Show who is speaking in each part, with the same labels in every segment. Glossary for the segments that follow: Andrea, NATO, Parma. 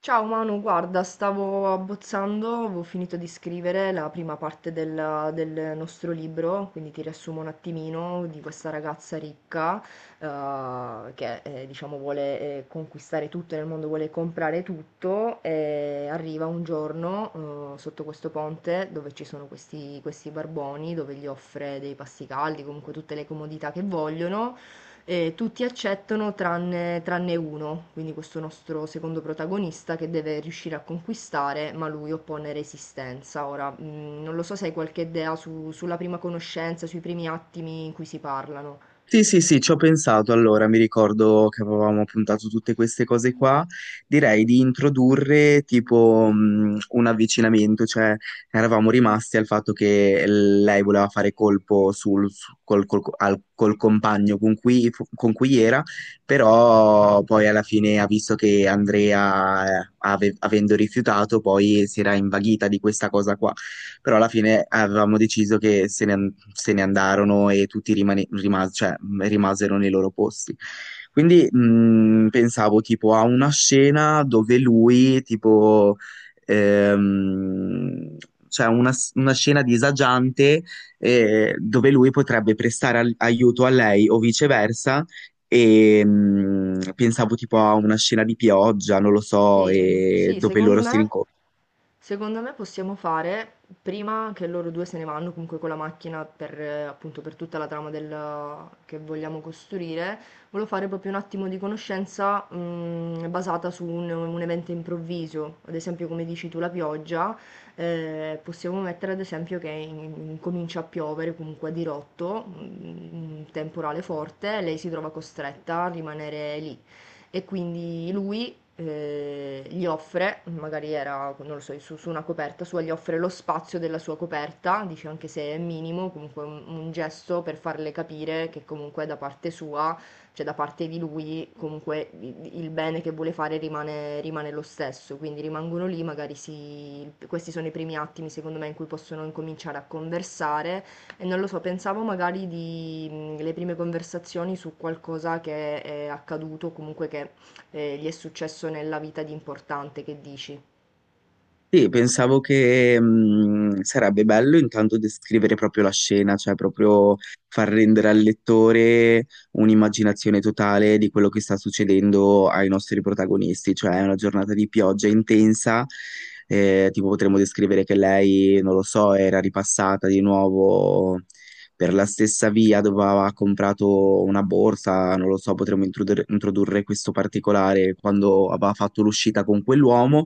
Speaker 1: Ciao Manu, guarda, stavo abbozzando, avevo finito di scrivere la prima parte del nostro libro, quindi ti riassumo un attimino di questa ragazza ricca che diciamo vuole conquistare tutto nel mondo, vuole comprare tutto e arriva un giorno sotto questo ponte dove ci sono questi barboni, dove gli offre dei pasti caldi, comunque tutte le comodità che vogliono. Tutti accettano tranne uno, quindi questo nostro secondo protagonista che deve riuscire a conquistare, ma lui oppone resistenza. Ora, non lo so se hai qualche idea sulla prima conoscenza, sui primi attimi in cui si parlano.
Speaker 2: Sì, sì, sì, ci ho pensato. Allora, mi ricordo che avevamo puntato tutte queste cose qua, direi di introdurre tipo un avvicinamento, cioè eravamo rimasti al fatto che lei voleva fare colpo sul, su- col, col- al- col compagno con cui era, però poi alla fine ha visto che Andrea, avendo rifiutato, poi si era invaghita di questa cosa qua. Però alla fine avevamo deciso che se ne andarono e tutti rimasero nei loro posti. Quindi pensavo tipo a una scena dove lui, tipo, ehm, cioè una scena disagiante, dove lui potrebbe prestare aiuto a lei o viceversa. E pensavo tipo a una scena di pioggia, non lo so,
Speaker 1: Sì,
Speaker 2: e
Speaker 1: sì,
Speaker 2: dove
Speaker 1: secondo
Speaker 2: loro si
Speaker 1: me,
Speaker 2: rincontrano.
Speaker 1: secondo me possiamo fare prima che loro due se ne vanno comunque con la macchina per, appunto, per tutta la trama che vogliamo costruire. Volevo fare proprio un attimo di conoscenza basata su un evento improvviso, ad esempio come dici tu la pioggia. Possiamo mettere ad esempio che comincia a piovere comunque a dirotto, un temporale forte, lei si trova costretta a rimanere lì e quindi lui gli offre, magari era, non lo so, su una coperta sua, gli offre lo spazio della sua coperta, dice anche se è minimo, comunque un gesto per farle capire che comunque da parte sua, cioè da parte di lui, comunque il bene che vuole fare rimane lo stesso. Quindi rimangono lì, magari si, questi sono i primi attimi secondo me in cui possono incominciare a conversare e non lo so, pensavo magari di le prime conversazioni su qualcosa che è accaduto, comunque che gli è successo nella vita di importante. Che dici?
Speaker 2: Sì, pensavo che sarebbe bello intanto descrivere proprio la scena, cioè proprio far rendere al lettore un'immaginazione totale di quello che sta succedendo ai nostri protagonisti, cioè è una giornata di pioggia intensa, tipo potremmo descrivere che lei, non lo so, era ripassata di nuovo per la stessa via dove aveva comprato una borsa, non lo so, potremmo introdurre questo particolare quando aveva fatto l'uscita con quell'uomo.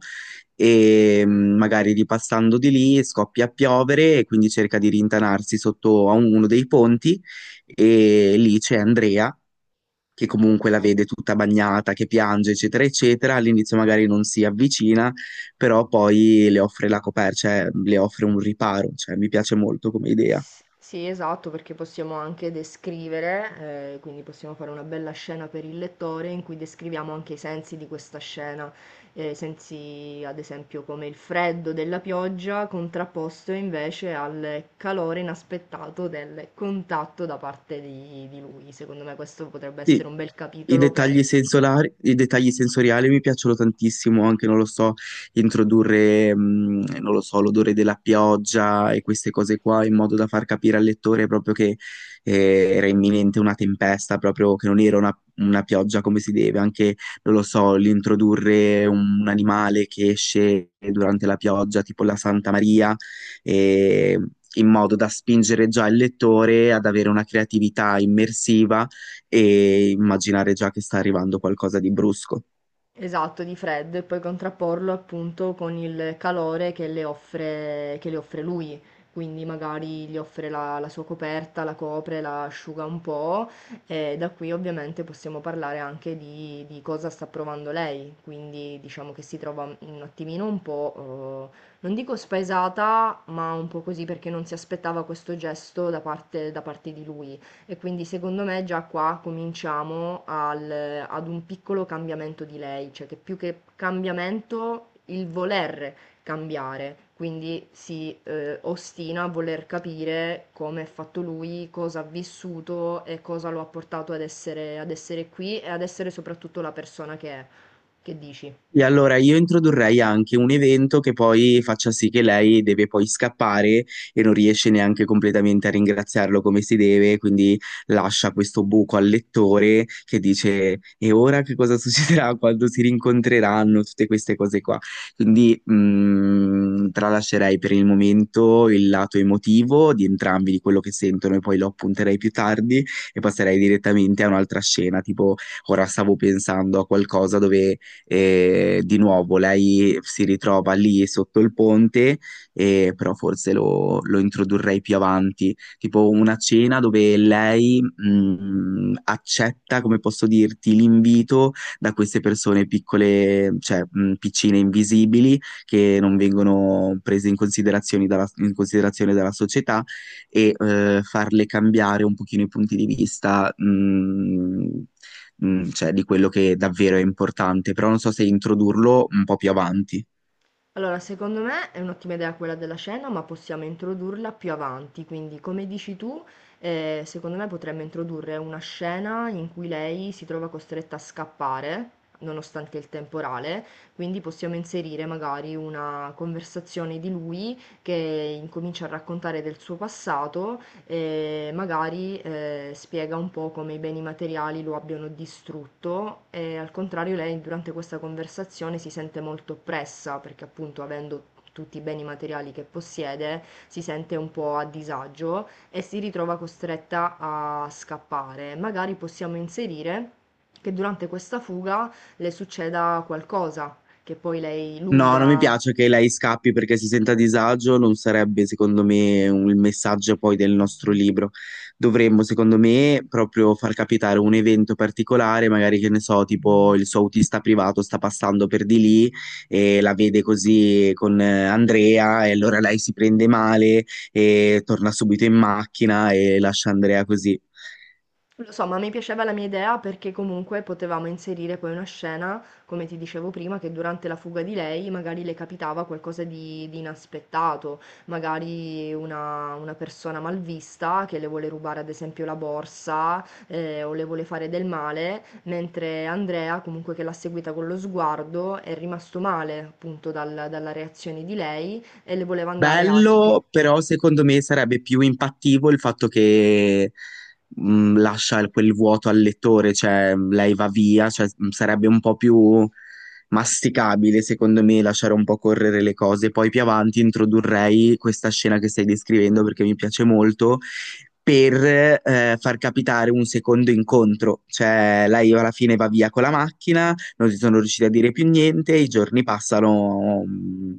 Speaker 2: E magari ripassando di lì scoppia a piovere e quindi cerca di rintanarsi sotto a uno dei ponti, e lì c'è Andrea che comunque la vede tutta bagnata, che piange, eccetera, eccetera. All'inizio magari non si avvicina, però poi le offre la coperta, cioè le offre un riparo, cioè mi piace molto come idea.
Speaker 1: Sì, esatto, perché possiamo anche descrivere. Quindi possiamo fare una bella scena per il lettore in cui descriviamo anche i sensi di questa scena. Sensi ad esempio come il freddo della pioggia contrapposto invece al calore inaspettato del contatto da parte di lui. Secondo me questo potrebbe essere
Speaker 2: Sì,
Speaker 1: un bel
Speaker 2: i
Speaker 1: capitolo
Speaker 2: dettagli
Speaker 1: per.
Speaker 2: sensolari, i dettagli sensoriali mi piacciono tantissimo, anche non lo so, introdurre, non lo so, l'odore della pioggia e queste cose qua in modo da far capire al lettore proprio che era imminente una tempesta, proprio che non era una pioggia come si deve, anche, non lo so, l'introdurre un animale che esce durante la pioggia, tipo la Santa Maria, eh, in modo da spingere già il lettore ad avere una creatività immersiva e immaginare già che sta arrivando qualcosa di brusco.
Speaker 1: Esatto, di freddo e poi contrapporlo appunto con il calore che le offre lui. Quindi magari gli offre la sua coperta, la copre, la asciuga un po' e da qui ovviamente possiamo parlare anche di cosa sta provando lei. Quindi diciamo che si trova un attimino un po', non dico spaesata, ma un po' così perché non si aspettava questo gesto da parte di lui. E quindi secondo me già qua cominciamo ad un piccolo cambiamento di lei, cioè che più che cambiamento, il voler cambiare. Quindi si ostina a voler capire come è fatto lui, cosa ha vissuto e cosa lo ha portato ad essere qui e ad essere soprattutto la persona che è. Che dici?
Speaker 2: E allora io introdurrei anche un evento che poi faccia sì che lei deve poi scappare e non riesce neanche completamente a ringraziarlo come si deve, quindi lascia questo buco al lettore che dice e ora che cosa succederà quando si rincontreranno, tutte queste cose qua. Quindi tralascerei per il momento il lato emotivo di entrambi, di quello che sentono e poi lo appunterei più tardi e passerei direttamente a un'altra scena, tipo ora stavo pensando a qualcosa dove e di nuovo lei si ritrova lì sotto il ponte, e però forse lo introdurrei più avanti, tipo una cena dove lei accetta, come posso dirti, l'invito da queste persone piccole, cioè piccine invisibili, che non vengono prese in considerazione dalla società, e farle cambiare un pochino i punti di vista, cioè di quello che davvero è importante, però non so se introdurlo un po' più avanti.
Speaker 1: Allora, secondo me è un'ottima idea quella della cena, ma possiamo introdurla più avanti. Quindi, come dici tu, secondo me potremmo introdurre una scena in cui lei si trova costretta a scappare, nonostante il temporale. Quindi possiamo inserire magari una conversazione di lui che incomincia a raccontare del suo passato e magari spiega un po' come i beni materiali lo abbiano distrutto e al contrario lei durante questa conversazione si sente molto oppressa perché appunto avendo tutti i beni materiali che possiede si sente un po' a disagio e si ritrova costretta a scappare. Magari possiamo inserire che durante questa fuga le succeda qualcosa che poi lei, lui
Speaker 2: No, non mi
Speaker 1: la.
Speaker 2: piace che lei scappi perché si senta a disagio, non sarebbe secondo me il messaggio poi del nostro libro. Dovremmo, secondo me, proprio far capitare un evento particolare, magari che ne so, tipo il suo autista privato sta passando per di lì e la vede così con Andrea e allora lei si prende male e torna subito in macchina e lascia Andrea così.
Speaker 1: Lo so, ma mi piaceva la mia idea perché comunque potevamo inserire poi una scena, come ti dicevo prima, che durante la fuga di lei magari le capitava qualcosa di inaspettato, magari una persona malvista che le vuole rubare ad esempio la borsa o le vuole fare del male, mentre Andrea comunque che l'ha seguita con lo sguardo è rimasto male appunto dalla reazione di lei e le voleva andare a spiegare.
Speaker 2: Bello, però secondo me sarebbe più impattivo il fatto che lascia quel vuoto al lettore, cioè lei va via, cioè, sarebbe un po' più masticabile secondo me lasciare un po' correre le cose. Poi più avanti introdurrei questa scena che stai descrivendo perché mi piace molto per far capitare un secondo incontro, cioè lei alla fine va via con la macchina, non si sono riusciti a dire più niente, i giorni passano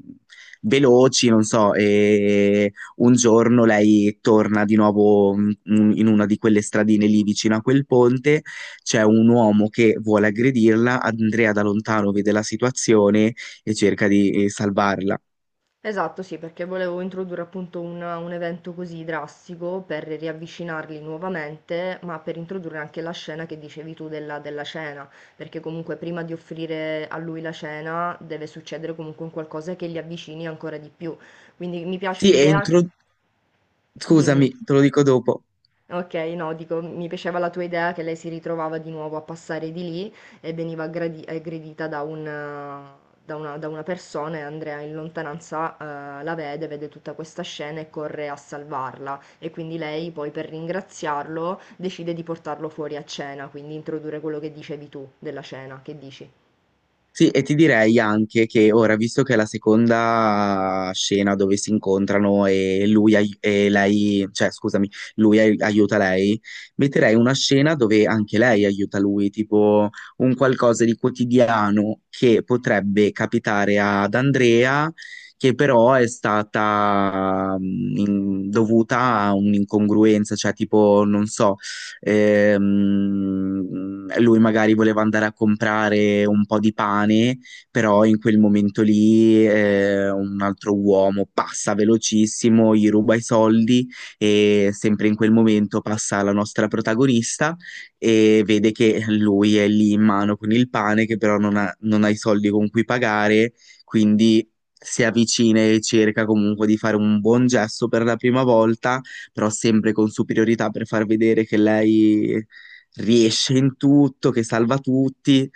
Speaker 2: veloci, non so, e un giorno lei torna di nuovo in una di quelle stradine lì vicino a quel ponte, c'è un uomo che vuole aggredirla, Andrea da lontano vede la situazione e cerca di salvarla.
Speaker 1: Esatto, sì, perché volevo introdurre appunto un evento così drastico per riavvicinarli nuovamente, ma per introdurre anche la scena che dicevi tu della cena, perché comunque prima di offrire a lui la cena deve succedere comunque un qualcosa che li avvicini ancora di più. Quindi mi piace
Speaker 2: Sì, e
Speaker 1: l'idea. Dimmi.
Speaker 2: scusami, te lo dico dopo.
Speaker 1: Okay, no, dico, mi piaceva la tua idea che lei si ritrovava di nuovo a passare di lì e veniva aggredita da una persona e Andrea in lontananza, la vede, vede tutta questa scena e corre a salvarla. E quindi lei poi per ringraziarlo decide di portarlo fuori a cena, quindi introdurre quello che dicevi tu della cena. Che dici?
Speaker 2: Sì, e ti direi anche che ora, visto che è la seconda scena dove si incontrano e lui ai- e lei, cioè scusami, aiuta lei, metterei una scena dove anche lei aiuta lui, tipo un qualcosa di quotidiano che potrebbe capitare ad Andrea, che però è stata dovuta a un'incongruenza, cioè tipo, non so. Ehm, Lui magari voleva andare a comprare un po' di pane, però in quel momento lì un altro uomo passa velocissimo, gli ruba i soldi e sempre in quel momento passa la nostra protagonista e vede che lui è lì in mano con il pane, che però non ha i soldi con cui pagare, quindi si avvicina e cerca comunque di fare un buon gesto per la prima volta però sempre con superiorità per far vedere che lei riesce in tutto, che salva tutti.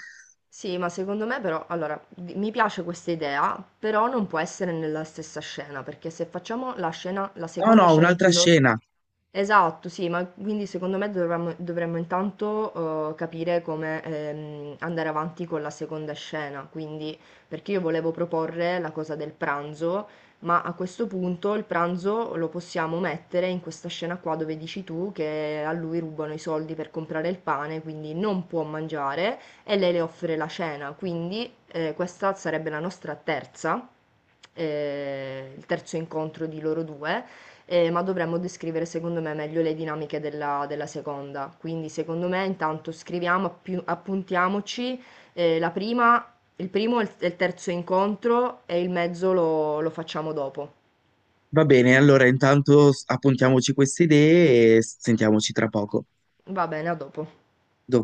Speaker 1: Sì, ma secondo me però, allora, mi piace questa idea, però non può essere nella stessa scena, perché se facciamo la scena, la
Speaker 2: No,
Speaker 1: seconda
Speaker 2: no,
Speaker 1: scena in
Speaker 2: un'altra
Speaker 1: cui loro.
Speaker 2: scena.
Speaker 1: Esatto, sì, ma quindi secondo me dovremmo intanto capire come andare avanti con la seconda scena, quindi perché io volevo proporre la cosa del pranzo, ma a questo punto il pranzo lo possiamo mettere in questa scena qua dove dici tu che a lui rubano i soldi per comprare il pane, quindi non può mangiare e lei le offre la cena, quindi questa sarebbe la nostra terza, il terzo incontro di loro due. Ma dovremmo descrivere secondo me meglio le dinamiche della seconda. Quindi secondo me intanto scriviamo, appuntiamoci la prima, il primo e il terzo incontro e il mezzo lo facciamo dopo.
Speaker 2: Va bene, allora intanto appuntiamoci queste idee e sentiamoci tra poco.
Speaker 1: Va bene, a dopo.